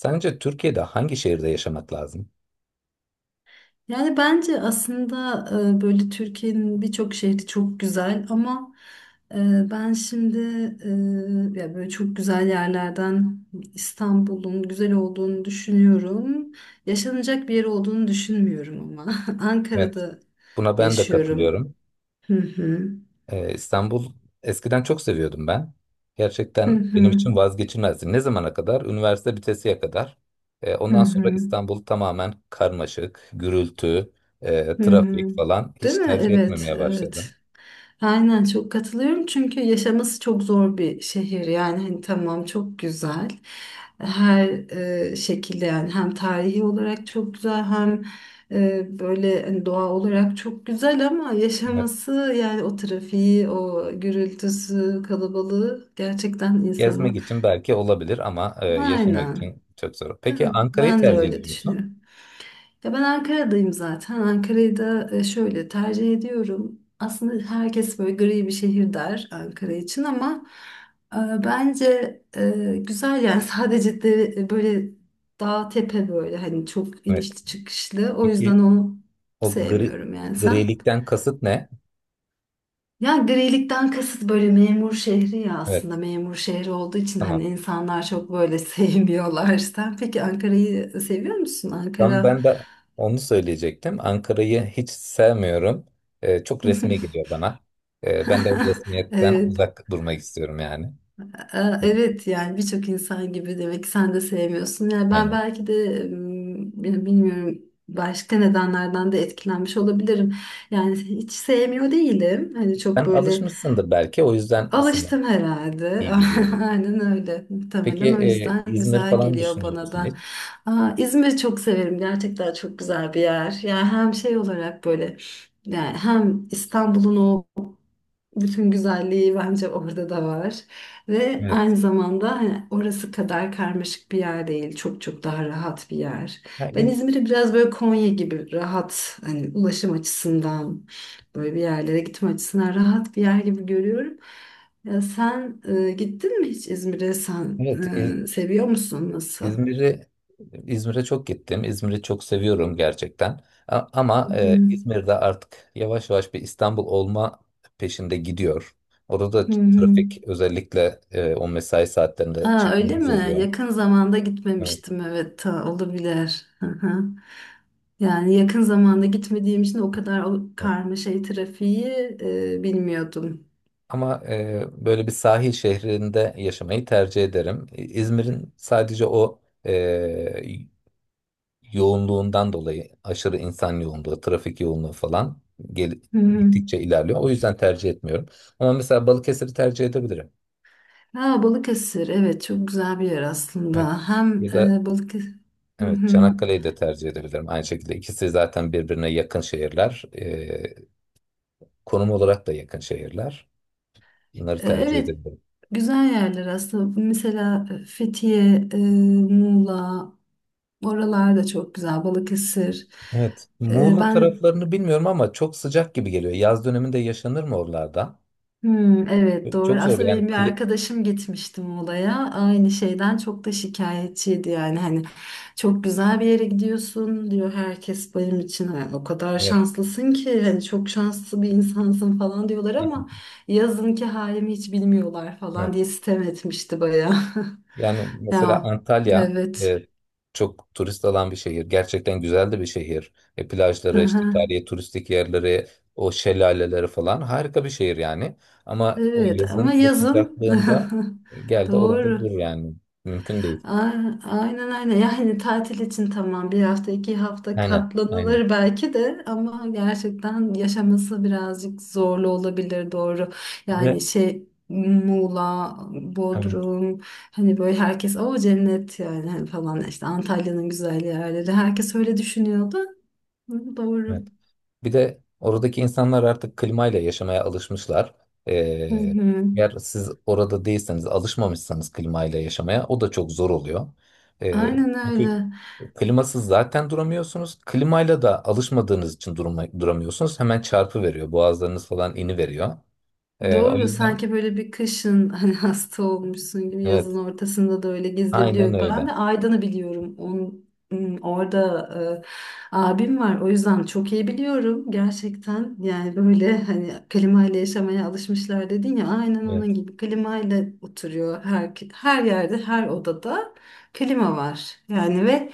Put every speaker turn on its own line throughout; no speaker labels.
Sence Türkiye'de hangi şehirde yaşamak lazım?
Yani bence aslında böyle Türkiye'nin birçok şehri çok güzel ama e, ben şimdi ya böyle çok güzel yerlerden İstanbul'un güzel olduğunu düşünüyorum. Yaşanacak bir yer olduğunu düşünmüyorum ama
Evet.
Ankara'da
Buna ben de
yaşıyorum.
katılıyorum.
Hı hı.
İstanbul eskiden çok seviyordum ben.
Hı
Gerçekten benim
hı.
için vazgeçilmezdi. Ne zamana kadar? Üniversite bitesiye kadar.
Hı
Ondan sonra
hı.
İstanbul tamamen karmaşık, gürültü,
Hı hı.
trafik falan
Değil
hiç
mi?
tercih
Evet,
etmemeye başladım.
evet. Aynen çok katılıyorum çünkü yaşaması çok zor bir şehir yani hani tamam çok güzel her şekilde yani hem tarihi olarak çok güzel hem böyle hani doğa olarak çok güzel ama
Evet.
yaşaması yani o trafiği o gürültüsü kalabalığı gerçekten
Gezmek
insanı
için belki olabilir ama yaşamak
aynen
için çok zor. Peki
ben
Ankara'yı
ben de
tercih
öyle
ediyor musun?
düşünüyorum. Ya ben Ankara'dayım zaten. Ankara'yı da şöyle tercih ediyorum. Aslında herkes böyle gri bir şehir der Ankara için ama e, bence güzel yani sadece de böyle dağ tepe böyle hani çok
Evet.
inişli çıkışlı. O yüzden
Peki
onu
o gri,
sevmiyorum yani sen.
grilikten kasıt ne?
Ya grilikten kasıt böyle memur şehri ya aslında
Evet.
memur şehri olduğu için
Tamam.
hani insanlar çok böyle sevmiyorlar. Sen peki Ankara'yı seviyor musun?
Ben,
Ankara
ben de onu söyleyecektim. Ankara'yı hiç sevmiyorum. Çok resmi geliyor bana. Ben de o resmiyetten
Evet,
uzak durmak istiyorum yani.
evet yani birçok insan gibi demek ki sen de sevmiyorsun. Yani ben
Aynen.
belki de ya bilmiyorum başka nedenlerden de etkilenmiş olabilirim. Yani hiç sevmiyor değilim. Hani çok
Sen
böyle
alışmışsındır belki o yüzden sana
alıştım herhalde.
iyi geliyor. Olabilir.
Aynen öyle.
Peki
Muhtemelen o yüzden
İzmir
güzel
falan
geliyor
düşünüyor
bana
musun
da.
hiç?
Aa, İzmir'i çok severim. Gerçekten çok güzel bir yer. Yani hem şey olarak böyle yani hem İstanbul'un o bütün güzelliği bence orada da var. Ve
Evet.
aynı zamanda hani orası kadar karmaşık bir yer değil. Çok çok daha rahat bir yer.
Ha,
Ben İzmir'i biraz böyle Konya gibi rahat hani ulaşım açısından böyle bir yerlere gitme açısından rahat bir yer gibi görüyorum. Ya sen gittin mi hiç İzmir'e? Sen
Evet,
seviyor musun? Nasıl?
İzmir'i İzmir'e çok gittim. İzmir'i çok seviyorum gerçekten.
Hı
Ama
hı.
İzmir'de artık yavaş yavaş bir İstanbul olma peşinde gidiyor. Orada da
Hı hı.
trafik özellikle o mesai saatlerinde
Ha, öyle
çekilmez
mi?
oluyor.
Yakın zamanda
Evet,
gitmemiştim, evet ta olabilir. Hı hı. Yani yakın zamanda gitmediğim için o kadar o
evet.
karmaşayı trafiği bilmiyordum.
Ama böyle bir sahil şehrinde yaşamayı tercih ederim. İzmir'in sadece o yoğunluğundan dolayı aşırı insan yoğunluğu, trafik yoğunluğu falan gel
Hı hı.
gittikçe ilerliyor. O yüzden tercih etmiyorum. Ama mesela Balıkesir'i tercih edebilirim.
Ha, Balıkesir evet çok güzel bir yer
Evet.
aslında. Hem
Ya da
Balıkesir hı
evet,
hı.
Çanakkale'yi de tercih edebilirim. Aynı şekilde ikisi zaten birbirine yakın şehirler. Konum olarak da yakın şehirler. Bunları tercih
Evet
edebilirim.
güzel yerler aslında. Mesela Fethiye, Muğla, oralar da çok güzel. Balıkesir.
Evet. Muğla
Ben
taraflarını bilmiyorum ama çok sıcak gibi geliyor. Yaz döneminde yaşanır mı oralarda?
Evet doğru.
Çok zor
Aslında
yani.
benim bir
Kli...
arkadaşım gitmişti Muğla'ya. Aynı şeyden çok da şikayetçiydi yani. Hani çok güzel bir yere gidiyorsun diyor herkes benim için. "Ay, o kadar
Evet.
şanslısın ki hani çok şanslı bir insansın falan" diyorlar ama yazınki halimi hiç bilmiyorlar falan
Evet.
diye sitem etmişti bayağı.
Yani mesela
Ya
Antalya
evet.
e, çok turist alan bir şehir. Gerçekten güzel de bir şehir. E, plajları, işte
Aha,
tarihi turistik yerleri, o şelaleleri falan harika bir şehir yani. Ama o
evet ama
yazın o
yazın
sıcaklığında gel de orada dur
doğru.
yani. Mümkün değil.
Aynen, aynen, aynen. Yani tatil için tamam bir hafta iki hafta
Aynen, aynen.
katlanılır belki de ama gerçekten yaşaması birazcık zorlu olabilir doğru yani
Ve
şey Muğla,
evet,
Bodrum hani böyle herkes o cennet yani hani falan işte Antalya'nın güzel yerleri herkes öyle düşünüyordu. Hı, doğru.
evet. Bir de oradaki insanlar artık klimayla yaşamaya alışmışlar.
Hı
E,
hı.
eğer siz orada değilseniz, alışmamışsanız klimayla yaşamaya o da çok zor oluyor. E,
Aynen
Çünkü
öyle.
klimasız zaten duramıyorsunuz. Klimayla da alışmadığınız için duramıyorsunuz. Hemen çarpı veriyor. Boğazlarınız falan ini veriyor. O
Doğru,
yüzden
sanki böyle bir kışın hani hasta olmuşsun gibi yazın
evet.
ortasında da öyle
Aynen
gezilebiliyor. Ben
öyle.
de Aydın'ı biliyorum. Onun, hmm, orada abim var. O yüzden çok iyi biliyorum gerçekten. Yani böyle hani klimayla yaşamaya alışmışlar dedin ya aynen onun
Evet,
gibi klimayla oturuyor, her yerde, her odada klima var. Yani ve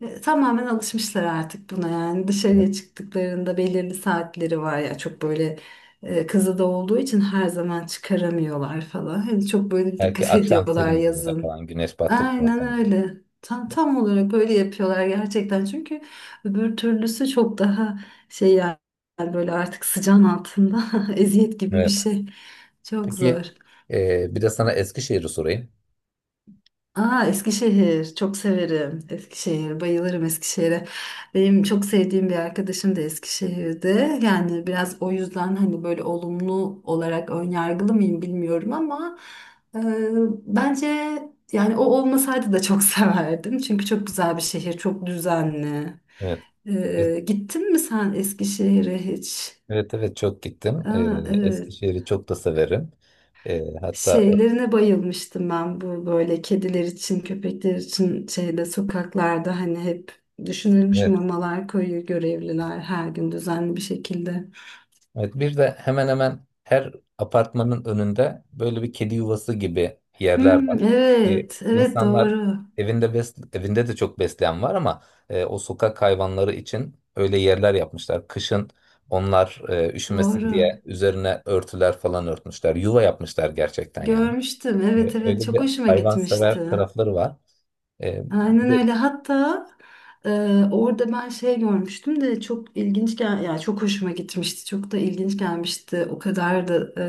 tamamen alışmışlar artık buna yani
evet.
dışarıya çıktıklarında belirli saatleri var ya çok böyle kızı da olduğu için her zaman çıkaramıyorlar falan. Hani çok böyle
Belki
dikkat
akşam
ediyorlar
serinliğinde
yazın.
falan güneş battıktan
Aynen
sonra.
öyle. Tam, tam olarak böyle yapıyorlar gerçekten. Çünkü öbür türlüsü çok daha şey yani böyle artık sıcağın altında eziyet gibi bir
Evet.
şey. Çok
Peki
zor.
bir de sana Eskişehir'i sorayım.
Aa, Eskişehir çok severim. Eskişehir bayılırım Eskişehir'e. Benim çok sevdiğim bir arkadaşım da Eskişehir'de. Yani biraz o yüzden hani böyle olumlu olarak önyargılı mıyım bilmiyorum ama e, bence yani o olmasaydı da çok severdim. Çünkü çok güzel bir şehir, çok düzenli.
Evet. E-
Gittin mi sen Eskişehir'e hiç?
Evet, evet, çok gittim. E,
Aa, evet.
Eskişehir'i çok da severim. E, hatta
Şeylerine bayılmıştım ben bu böyle kediler için, köpekler için şeyde sokaklarda hani hep düşünülmüş
evet.
mamalar koyuyor görevliler her gün düzenli bir şekilde.
Evet, bir de hemen hemen her apartmanın önünde böyle bir kedi yuvası gibi yerler
Hmm,
var. Ee,
evet, evet
insanlar
doğru,
evinde de çok besleyen var ama o sokak hayvanları için öyle yerler yapmışlar. Kışın onlar üşümesin
doğru.
diye üzerine örtüler falan örtmüşler. Yuva yapmışlar gerçekten yani.
Görmüştüm, evet
E,
evet
öyle
çok
bir
hoşuma
hayvansever
gitmişti.
tarafları var. E,
Aynen
bir de-
öyle. Hatta e, orada ben şey görmüştüm de çok ilginç gel yani çok hoşuma gitmişti. Çok da ilginç gelmişti. O kadar da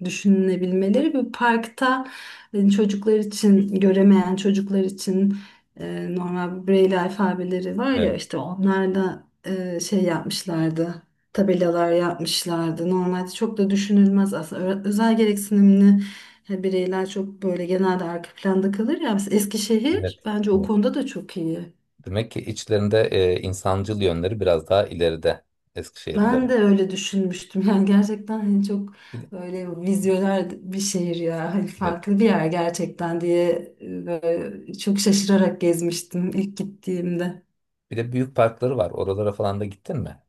düşünülebilmeleri bir parkta çocuklar için göremeyen çocuklar için normal Braille alfabeleri var ya
evet,
işte onlarla şey yapmışlardı, tabelalar yapmışlardı. Normalde çok da düşünülmez aslında. Özel gereksinimli bireyler çok böyle genelde arka planda kalır ya. Mesela Eskişehir
evet,
bence o
evet.
konuda da çok iyi.
Demek ki içlerinde insancıl yönleri biraz daha ileride
Ben de
Eskişehirlilerin.
öyle düşünmüştüm. Yani gerçekten hani çok böyle vizyoner bir şehir ya. Hani
Evet.
farklı bir yer gerçekten diye böyle çok şaşırarak gezmiştim ilk gittiğimde.
Bir de büyük parkları var. Oralara falan da gittin mi?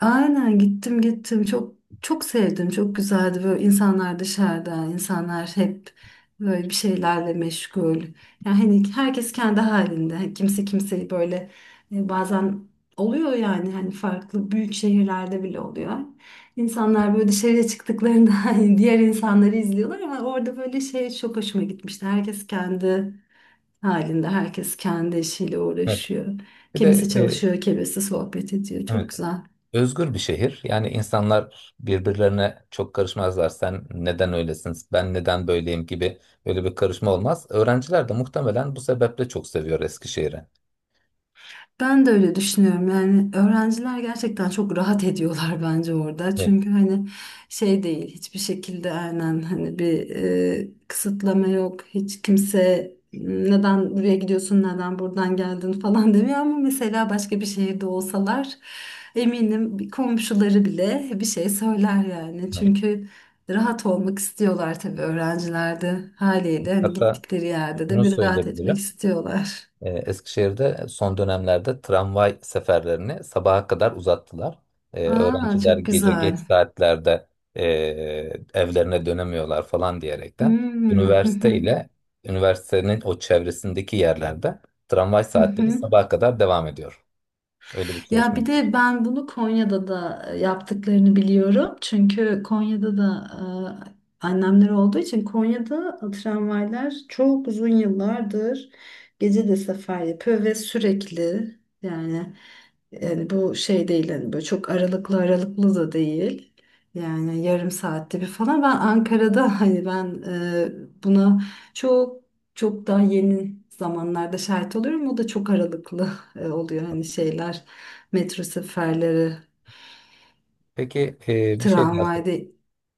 Aynen, gittim, çok çok sevdim, çok güzeldi böyle, insanlar dışarıda, insanlar hep böyle bir şeylerle meşgul yani hani herkes kendi halinde, hani kimse kimseyi böyle bazen oluyor yani hani farklı büyük şehirlerde bile oluyor, insanlar böyle dışarıya çıktıklarında hani diğer insanları izliyorlar ama orada böyle şey çok hoşuma gitmişti, herkes kendi halinde, herkes kendi işiyle
Evet.
uğraşıyor,
Bir de
kimisi
e,
çalışıyor kimisi sohbet ediyor, çok
evet.
güzel.
Özgür bir şehir. Yani insanlar birbirlerine çok karışmazlar. Sen neden öylesin, ben neden böyleyim gibi böyle bir karışma olmaz. Öğrenciler de muhtemelen bu sebeple çok seviyor Eskişehir'i.
Ben de öyle düşünüyorum. Yani öğrenciler gerçekten çok rahat ediyorlar bence orada.
Evet,
Çünkü hani şey değil hiçbir şekilde aynen hani bir kısıtlama yok. Hiç kimse neden buraya gidiyorsun, neden buradan geldin falan demiyor ama mesela başka bir şehirde olsalar eminim bir komşuları bile bir şey söyler yani.
evet.
Çünkü rahat olmak istiyorlar tabii, öğrenciler de haliyle hani
Hatta
gittikleri yerde de
şunu
bir rahat etmek
söyleyebilirim.
istiyorlar.
E, Eskişehir'de son dönemlerde tramvay seferlerini sabaha kadar uzattılar. E,
Aa
öğrenciler
çok
gece geç
güzel.
saatlerde e, evlerine dönemiyorlar falan diyerekten
Hmm, hı
üniversite
hı.
ile üniversitenin o çevresindeki yerlerde tramvay
Hı
saatleri
hı.
sabaha kadar devam ediyor. Öyle bir
Ya
çalışma.
bir de ben bunu Konya'da da yaptıklarını biliyorum. Çünkü Konya'da da annemler olduğu için Konya'da tramvaylar çok uzun yıllardır gece de sefer yapıyor ve sürekli yani, yani bu şey değil hani böyle çok aralıklı da değil. Yani yarım saatte bir falan. Ben Ankara'da hani ben buna çok çok daha yeni zamanlarda şahit oluyorum. O da çok aralıklı oluyor hani şeyler. Metro seferleri,
Peki e, bir şey daha
tramvayda.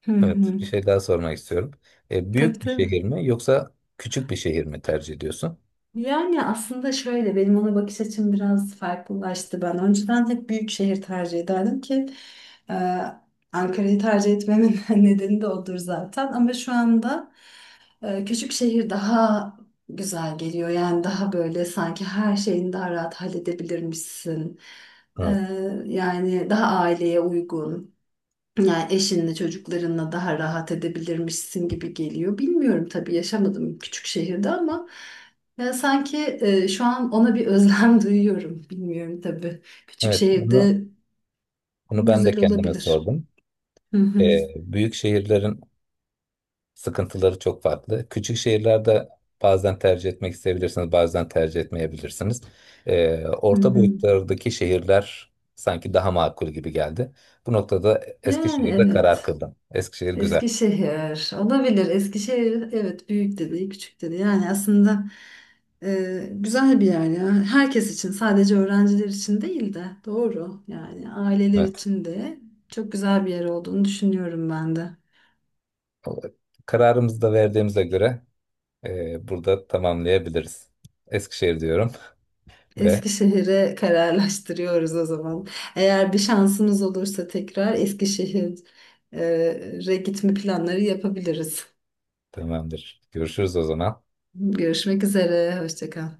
Hı
Evet,
hı.
bir şey daha sormak istiyorum. E,
Tabii,
büyük bir
tabii.
şehir mi yoksa küçük bir şehir mi tercih ediyorsun?
Yani aslında şöyle benim ona bakış açım biraz farklılaştı. Ben önceden hep büyük şehir tercih ederdim ki e, Ankara'yı tercih etmemin nedeni de odur zaten. Ama şu anda küçük şehir daha güzel geliyor. Yani daha böyle sanki her şeyini daha rahat halledebilirmişsin. E,
Evet.
yani daha aileye uygun. Yani eşinle çocuklarınla daha rahat edebilirmişsin gibi geliyor. Bilmiyorum tabii, yaşamadım küçük şehirde ama ya sanki şu an ona bir özlem duyuyorum. Bilmiyorum tabii. Küçük
Evet, bunu
şehirde
Bunu ben de
güzel
kendime
olabilir.
sordum.
Hı
E,
hı,
büyük şehirlerin sıkıntıları çok farklı. Küçük şehirlerde bazen tercih etmek isteyebilirsiniz, bazen tercih etmeyebilirsiniz.
hı
Orta
hı.
boyutlardaki şehirler sanki daha makul gibi geldi. Bu noktada
Yani
Eskişehir'de karar
evet.
kıldım. Eskişehir güzel.
Eskişehir olabilir. Eskişehir evet, büyük de değil küçük de değil. Yani aslında güzel bir yer ya. Herkes için, sadece öğrenciler için değil de doğru yani aileler
Evet.
için de çok güzel bir yer olduğunu düşünüyorum ben de.
O- Kararımızı da verdiğimize göre burada tamamlayabiliriz. Eskişehir diyorum ve
Eskişehir'e kararlaştırıyoruz o zaman. Eğer bir şansımız olursa tekrar Eskişehir'e gitme planları yapabiliriz.
tamamdır. Görüşürüz o zaman.
Görüşmek üzere. Hoşça kal.